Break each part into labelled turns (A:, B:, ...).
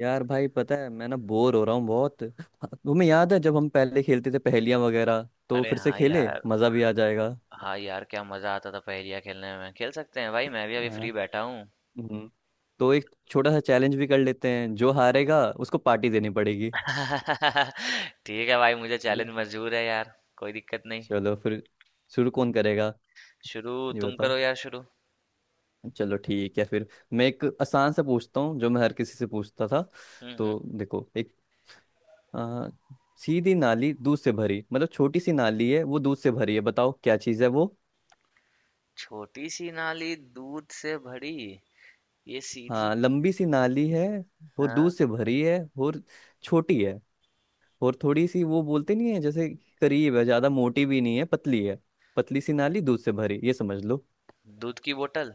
A: यार भाई पता है मैं ना बोर हो रहा हूँ बहुत। तुम्हें याद है जब हम पहले खेलते थे पहेलियां वगैरह? तो
B: अरे
A: फिर से
B: हाँ
A: खेले,
B: यार।
A: मजा भी आ जाएगा।
B: हाँ यार, क्या मजा आता था पहेलियाँ खेलने में। खेल सकते हैं भाई, मैं भी अभी
A: हाँ।
B: फ्री बैठा हूँ।
A: हम्म। तो एक छोटा सा चैलेंज भी कर लेते हैं, जो हारेगा उसको पार्टी देनी पड़ेगी।
B: ठीक है भाई, मुझे
A: ठीक है,
B: चैलेंज मंजूर है यार, कोई दिक्कत नहीं।
A: चलो फिर। शुरू कौन करेगा
B: शुरू
A: ये
B: तुम
A: बताओ।
B: करो यार, शुरू।
A: चलो ठीक है फिर। मैं एक आसान से पूछता हूँ जो मैं हर किसी से पूछता था।
B: हम्म हम्म।
A: तो देखो, एक आ, सीधी नाली दूध से भरी, मतलब छोटी सी नाली है वो दूध से भरी है, बताओ क्या चीज़ है वो।
B: छोटी सी नाली दूध से भरी, ये सीधी।
A: हाँ, लंबी सी नाली है और
B: हाँ।
A: दूध से भरी है, और छोटी है, और थोड़ी सी वो बोलते नहीं है जैसे करीब है, ज्यादा मोटी भी नहीं है, पतली है। पतली सी नाली दूध से भरी, ये समझ लो।
B: दूध की बोतल।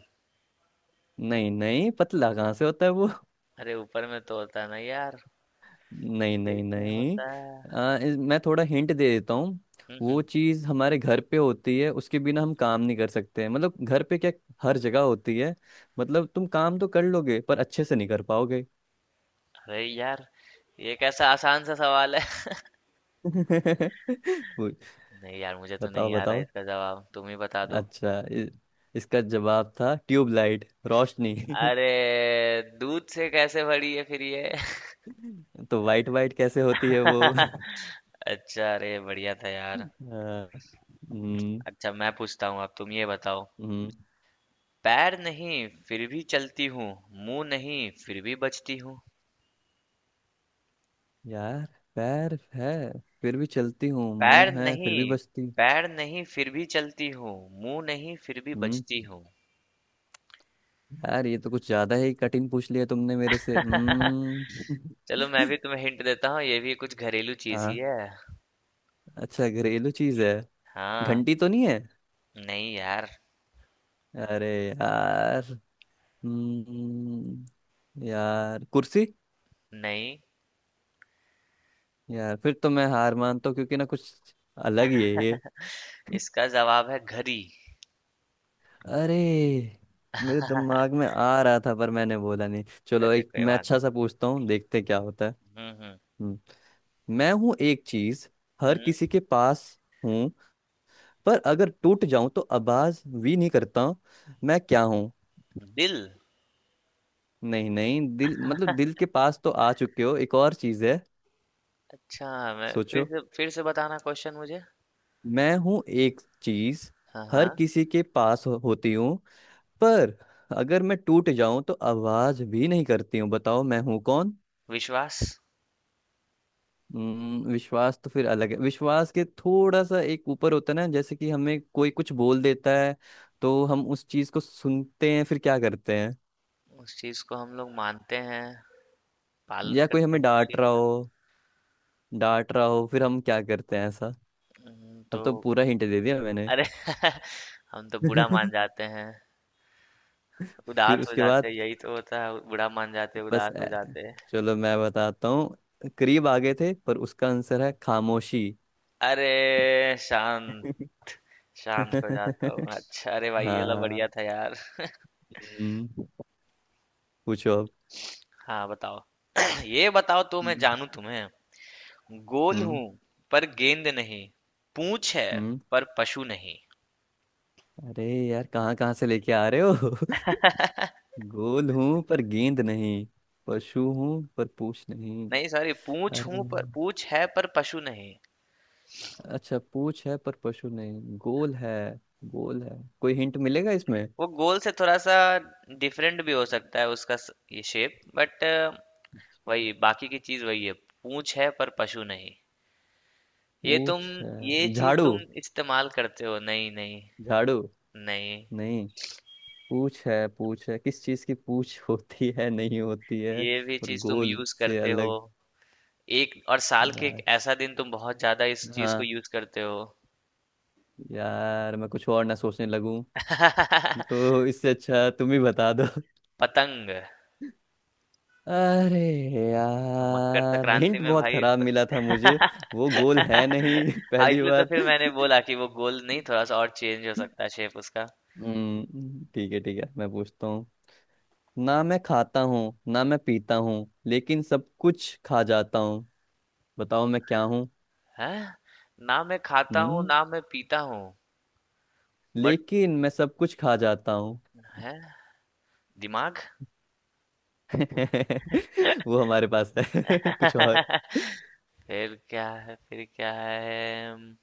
A: नहीं नहीं, पतला कहाँ से होता है वो?
B: अरे ऊपर में तो होता है ना यार।
A: नहीं
B: फिर
A: नहीं
B: क्या
A: नहीं।
B: होता है?
A: मैं थोड़ा हिंट दे देता हूँ।
B: हम्म
A: वो
B: हम्म।
A: चीज़ हमारे घर पे होती है, उसके बिना हम काम नहीं कर सकते, मतलब घर पे क्या, हर जगह होती है। मतलब तुम काम तो कर लोगे पर अच्छे से नहीं कर पाओगे।
B: अरे यार, ये कैसा आसान सा सवाल है।
A: वो-
B: नहीं यार, मुझे तो
A: बताओ
B: नहीं आ रहा
A: बताओ।
B: इसका जवाब, तुम ही बता दो।
A: अच्छा, इसका जवाब था ट्यूबलाइट, रोशनी।
B: अरे दूध से कैसे भरी है फिर ये?
A: तो वाइट वाइट कैसे होती है वो?
B: अच्छा, अरे बढ़िया था यार।
A: हाँ। हम्म
B: अच्छा, मैं पूछता हूँ अब, तुम ये बताओ।
A: हम्म।
B: पैर नहीं फिर भी चलती हूँ, मुंह नहीं फिर भी बचती हूँ।
A: यार पैर है फिर भी चलती हूँ,
B: पैर
A: मुंह है फिर भी
B: नहीं
A: बचती हूँ।
B: पैर नहीं फिर भी चलती हूँ, मुंह नहीं फिर भी
A: हम्म।
B: बचती हूँ।
A: यार ये तो कुछ ज्यादा ही कठिन पूछ लिया तुमने मेरे से। हम्म।
B: चलो मैं भी तुम्हें हिंट देता हूँ, ये भी कुछ घरेलू चीज ही
A: हाँ।
B: है।
A: अच्छा, घरेलू चीज है।
B: हाँ।
A: घंटी तो नहीं है?
B: नहीं यार।
A: अरे यार। हम्म। यार कुर्सी?
B: नहीं,
A: यार फिर तो मैं हार मानता हूँ, क्योंकि ना कुछ अलग ही है ये।
B: इसका जवाब है घड़ी।
A: अरे मेरे दिमाग में आ रहा था, पर मैंने बोला नहीं। चलो
B: अच्छा
A: एक
B: कोई
A: मैं
B: बात
A: अच्छा
B: नहीं।
A: सा पूछता हूँ, देखते क्या होता है।
B: हम्म।
A: हम्म। मैं हूँ एक चीज, हर किसी के पास हूँ, पर अगर टूट जाऊं तो आवाज भी नहीं करता हूँ, मैं क्या हूँ?
B: दिल।
A: नहीं नहीं, दिल मतलब दिल के पास तो आ चुके हो, एक और चीज है।
B: अच्छा, मैं
A: सोचो।
B: फिर से बताना क्वेश्चन मुझे।
A: मैं हूँ एक चीज,
B: हाँ हाँ।
A: हर किसी के पास हो, होती हूँ, पर अगर मैं टूट जाऊं तो आवाज भी नहीं करती हूँ, बताओ मैं हूं कौन?
B: विश्वास।
A: विश्वास तो फिर अलग है। विश्वास के थोड़ा सा एक ऊपर होता है ना, जैसे कि हमें कोई कुछ बोल देता है तो हम उस चीज को सुनते हैं, फिर क्या करते हैं?
B: उस चीज को हम लोग मानते हैं, पालन
A: या कोई
B: करते
A: हमें
B: हैं उस
A: डांट
B: चीज
A: रहा
B: का।
A: हो, डांट रहा हो, फिर हम क्या करते हैं ऐसा? अब तो
B: तो।
A: पूरा हिंट दे दिया मैंने।
B: अरे हम तो बुरा मान जाते हैं।
A: फिर
B: उदास हो
A: उसके
B: जाते
A: बाद
B: हैं, यही तो होता है, बुरा मान जाते हैं,
A: बस
B: उदास हो जाते हैं।
A: चलो मैं बताता हूँ। करीब आ गए थे, पर उसका आंसर है खामोशी।
B: अरे शांत। शांत हो जाता हूँ। अच्छा, अरे भाई ये लो,
A: हाँ।
B: बढ़िया था यार।
A: हम्म। पूछो अब।
B: हाँ बताओ। ये बताओ तो मैं
A: हम्म
B: जानू तुम्हें। गोल
A: हम्म।
B: हूँ पर गेंद नहीं, पूंछ है
A: हम्म।
B: पर पशु नहीं।
A: अरे यार कहाँ कहाँ से लेके आ रहे हो? गोल हूँ पर गेंद नहीं, पशु हूँ पर पूछ नहीं।
B: नहीं सॉरी,
A: अरे
B: पूंछ है पर पशु नहीं।
A: अच्छा, पूछ है पर पशु नहीं, गोल है। गोल है। कोई हिंट मिलेगा इसमें?
B: वो गोल से थोड़ा सा डिफरेंट भी हो सकता है उसका ये शेप, बट
A: अच्छा,
B: वही बाकी की चीज वही है, पूंछ है पर पशु नहीं। ये तुम
A: पूछ है,
B: ये चीज
A: झाड़ू?
B: तुम इस्तेमाल करते हो। नहीं नहीं।
A: झाड़ू
B: नहीं।
A: नहीं? पूछ है, पूछ है किस चीज की? पूछ होती है, नहीं होती है,
B: ये भी
A: और
B: चीज तुम
A: गोल
B: यूज
A: से
B: करते हो।
A: अलग।
B: एक और साल के
A: यार।
B: एक ऐसा दिन तुम बहुत ज्यादा इस चीज को
A: हाँ।
B: यूज करते हो।
A: यार मैं कुछ और ना सोचने लगूं, तो इससे अच्छा तुम ही बता दो।
B: पतंग।
A: अरे
B: मकर
A: यार,
B: संक्रांति
A: हिंट
B: में
A: बहुत
B: भाई
A: खराब मिला था मुझे। वो गोल है नहीं
B: हाँ,
A: पहली
B: इसलिए तो
A: बात।
B: फिर मैंने बोला कि वो गोल नहीं, थोड़ा सा और चेंज हो सकता है शेप उसका।
A: ठीक है ठीक है, मैं पूछता हूँ। ना मैं खाता हूँ, ना मैं पीता हूँ, लेकिन सब कुछ खा जाता हूँ, बताओ मैं क्या हूँ?
B: है। ना मैं खाता हूँ
A: हम्म,
B: ना मैं पीता हूँ। बट
A: लेकिन मैं सब कुछ खा जाता हूँ।
B: है दिमाग।
A: वो हमारे पास है कुछ और?
B: फिर क्या है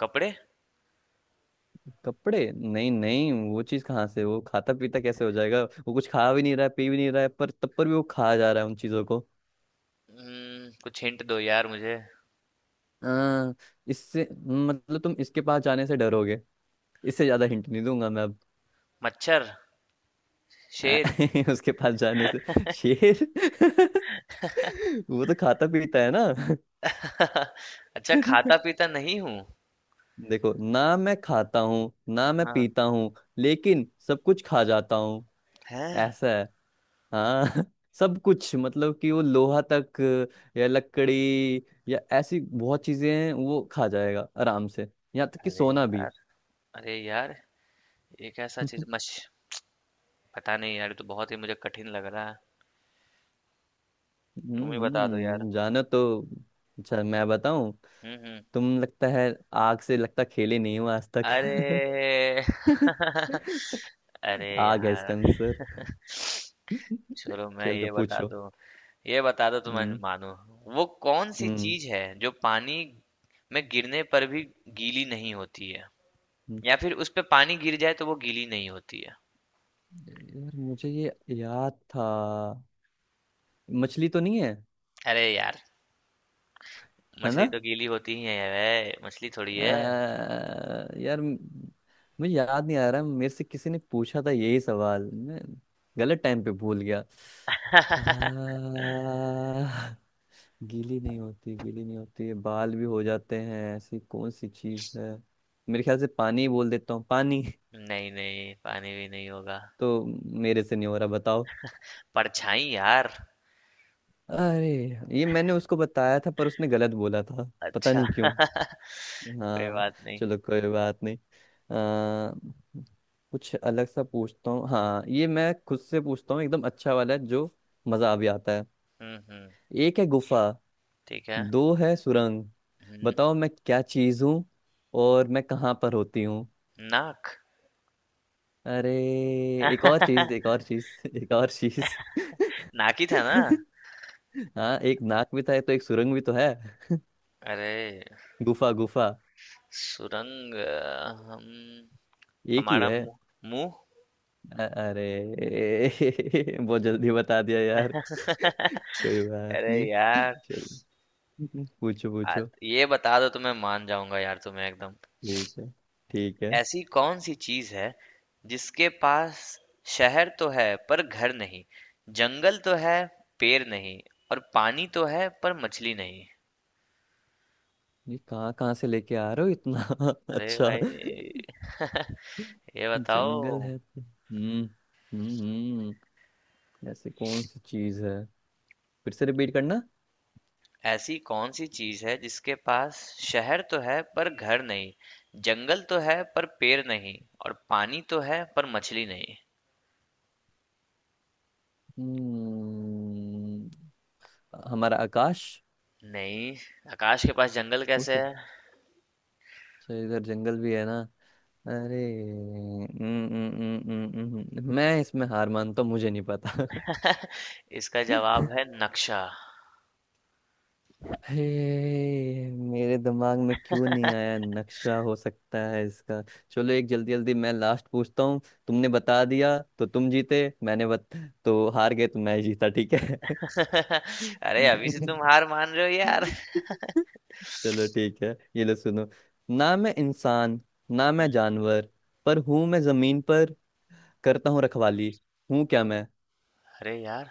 B: कपड़े।
A: कपड़े नहीं नहीं, वो चीज कहाँ से, वो खाता पीता कैसे हो जाएगा, वो कुछ खा भी नहीं रहा है, पी भी नहीं रहा है, पर तब पर भी वो खा जा रहा है उन चीजों को।
B: कुछ हिंट दो यार मुझे।
A: आ, इससे मतलब तुम इसके पास जाने से डरोगे। इससे ज्यादा हिंट नहीं दूंगा मैं अब।
B: मच्छर। शेर।
A: उसके पास जाने से शेर? वो तो खाता पीता है ना?
B: अच्छा, खाता पीता नहीं हूँ।
A: देखो, ना मैं खाता हूँ ना मैं
B: हाँ।
A: पीता हूँ, लेकिन सब कुछ खा जाता हूँ,
B: है।
A: ऐसा। हाँ। सब कुछ मतलब कि वो लोहा तक, या लकड़ी, या ऐसी बहुत चीजें हैं वो खा जाएगा आराम से, यहाँ तक कि
B: अरे
A: सोना भी।
B: यार। अरे यार, एक ऐसा चीज मछ पता नहीं यार, ये तो बहुत ही मुझे कठिन लग रहा है। तुम ही बता दो यार।
A: हम्म, जानो तो। अच्छा मैं बताऊं?
B: हम्म।
A: तुम लगता है आग से लगता खेले नहीं हो आज तक।
B: अरे अरे
A: आग है इसका
B: यार,
A: आंसर।
B: चलो मैं
A: चलो
B: ये बता
A: पूछो।
B: दूं। ये बता दो तुम।
A: हम्म
B: मानो, वो कौन सी
A: हम्म।
B: चीज है जो पानी में गिरने पर भी गीली नहीं होती है?
A: हम्म।
B: या फिर उस पे पानी गिर जाए तो वो गीली नहीं होती है?
A: यार मुझे ये याद था। मछली तो नहीं है?
B: अरे यार,
A: है
B: मछली
A: ना?
B: तो गीली होती ही है, वे मछली थोड़ी है।
A: अह, यार म- मुझे याद नहीं आ रहा, मेरे से किसी ने पूछा था यही सवाल, मैं गलत टाइम पे भूल गया। अह, गीली नहीं होती, गीली नहीं होती, बाल भी हो जाते हैं, ऐसी कौन सी चीज है? मेरे ख्याल से पानी ही बोल देता हूँ, पानी।
B: नहीं नहीं, पानी भी नहीं होगा।
A: तो मेरे से नहीं हो रहा, बताओ।
B: परछाई यार।
A: अरे ये मैंने उसको बताया था, पर उसने गलत बोला था, पता
B: अच्छा,
A: नहीं क्यों।
B: कोई
A: हाँ,
B: बात नहीं।
A: चलो कोई बात नहीं। कुछ अलग सा पूछता हूँ। हाँ ये मैं खुद से पूछता हूँ, एकदम अच्छा वाला है, जो मजा भी आता है।
B: हम्म,
A: एक है गुफा,
B: ठीक है।
A: दो है सुरंग,
B: हम्म।
A: बताओ मैं क्या चीज हूँ और मैं कहाँ पर होती हूँ?
B: नाक।
A: अरे एक और चीज, एक और चीज, एक और चीज।
B: नाक ही था ना?
A: हाँ एक नाक भी था तो, एक सुरंग भी तो है।
B: अरे।
A: गुफा गुफा
B: सुरंग। हम
A: एक ही
B: हमारा
A: है।
B: मुंह। मुंह।
A: अरे बहुत जल्दी बता दिया यार, कोई बात
B: अरे
A: नहीं।
B: यार।
A: चलो पूछो पूछो।
B: ये बता दो तो मैं मान जाऊंगा यार तुम्हें एकदम।
A: ठीक है ठीक है।
B: ऐसी कौन सी चीज है जिसके पास शहर तो है पर घर नहीं, जंगल तो है पेड़ नहीं, और पानी तो है पर मछली नहीं?
A: ये कहाँ कहाँ से लेके आ रहे हो इतना?
B: अरे
A: अच्छा।
B: भाई। ये बताओ।
A: हम्म। हम्म हम्म, ऐसी कौन सी चीज है, फिर से रिपीट करना।
B: ऐसी कौन-सी चीज़ है जिसके पास शहर तो है पर घर नहीं, जंगल तो है पर पेड़ नहीं, और पानी तो है पर मछली नहीं?
A: हम्म। हमारा आकाश?
B: नहीं, आकाश के पास जंगल
A: हो
B: कैसे है?
A: सकता। अच्छा इधर जंगल भी है ना? अरे मैं इसमें हार मानता हूँ, मुझे नहीं पता।
B: इसका जवाब है नक्शा।
A: हे मेरे दिमाग में क्यों नहीं आया, नक्शा हो सकता है इसका। चलो एक जल्दी जल्दी मैं लास्ट पूछता हूँ। तुमने बता दिया तो तुम जीते, तो हार गए तो मैं जीता, ठीक है?
B: अरे, अभी से तुम हार मान रहे हो यार।
A: चलो ठीक है, ये लो सुनो। ना मैं इंसान, ना मैं
B: हुँ,
A: जानवर, पर हूँ मैं जमीन पर, करता हूँ रखवाली, हूँ क्या मैं?
B: अरे यार,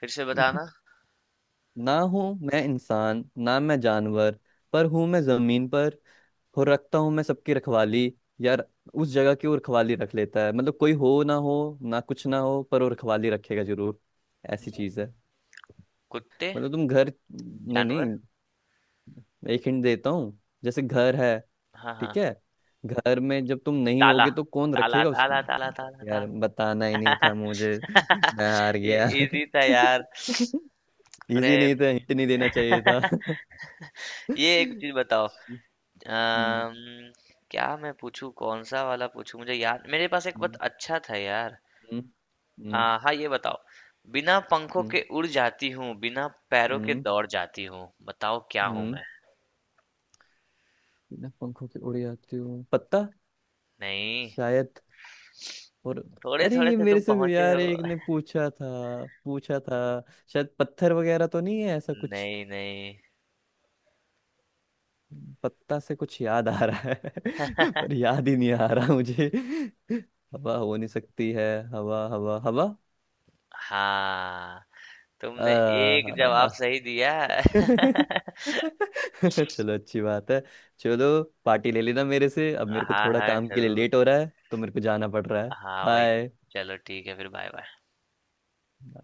B: फिर से बताना।
A: ना हूँ मैं इंसान, ना मैं जानवर, पर हूँ मैं जमीन पर, और रखता हूँ मैं सबकी रखवाली। यार, उस जगह की वो रखवाली रख लेता है, मतलब कोई हो ना हो, ना कुछ ना हो, पर वो रखवाली रखेगा जरूर, ऐसी चीज है।
B: कुत्ते,
A: मतलब तुम घर, नहीं
B: जानवर।
A: नहीं, एक हिंट देता हूँ, जैसे घर है।
B: हाँ, हाँ।
A: ठीक है, घर में जब तुम नहीं
B: ताला,
A: होगे तो कौन
B: ताला,
A: रखेगा उसकी?
B: ताला, ताला, ताला,
A: अरे यार
B: ताला।
A: बताना ही नहीं था मुझे। मैं हार
B: ये
A: गया।
B: इजी था यार। अरे,
A: इजी नहीं था, हिंट नहीं देना चाहिए था।
B: ये एक चीज़ बताओ।
A: हम्म
B: अम्म, क्या मैं पूछूं, कौन सा वाला पूछूं, मुझे याद मेरे पास एक बहुत
A: हम्म
B: अच्छा था यार।
A: हम्म हम्म
B: हाँ ये बताओ। बिना पंखों
A: हम्म
B: के उड़ जाती हूँ, बिना पैरों के
A: हम्म,
B: दौड़ जाती हूँ, बताओ क्या हूँ
A: हम्म।
B: मैं?
A: बिना पंखों के उड़ जाती हूँ, पत्ता?
B: नहीं।
A: शायद। और?
B: थोड़े
A: अरे
B: थोड़े
A: ये
B: से
A: मेरे
B: तुम
A: से भी
B: पहुंचे
A: यार
B: हो।
A: एक ने पूछा था, पूछा था। शायद पत्थर वगैरह तो नहीं है ऐसा कुछ?
B: नहीं नहीं।
A: पत्ता से कुछ याद आ रहा है पर याद ही नहीं आ रहा मुझे। हवा हो नहीं सकती है? हवा हवा हवा।
B: हाँ। तुमने एक जवाब
A: आ...
B: सही दिया।
A: चलो अच्छी बात है। चलो पार्टी ले लेना मेरे से। अब मेरे को
B: हाँ
A: थोड़ा
B: हाँ
A: काम के लिए
B: जरूर।
A: लेट हो रहा है, तो मेरे को जाना पड़ रहा है।
B: हाँ भाई।
A: बाय।
B: चलो ठीक है, फिर बाय बाय।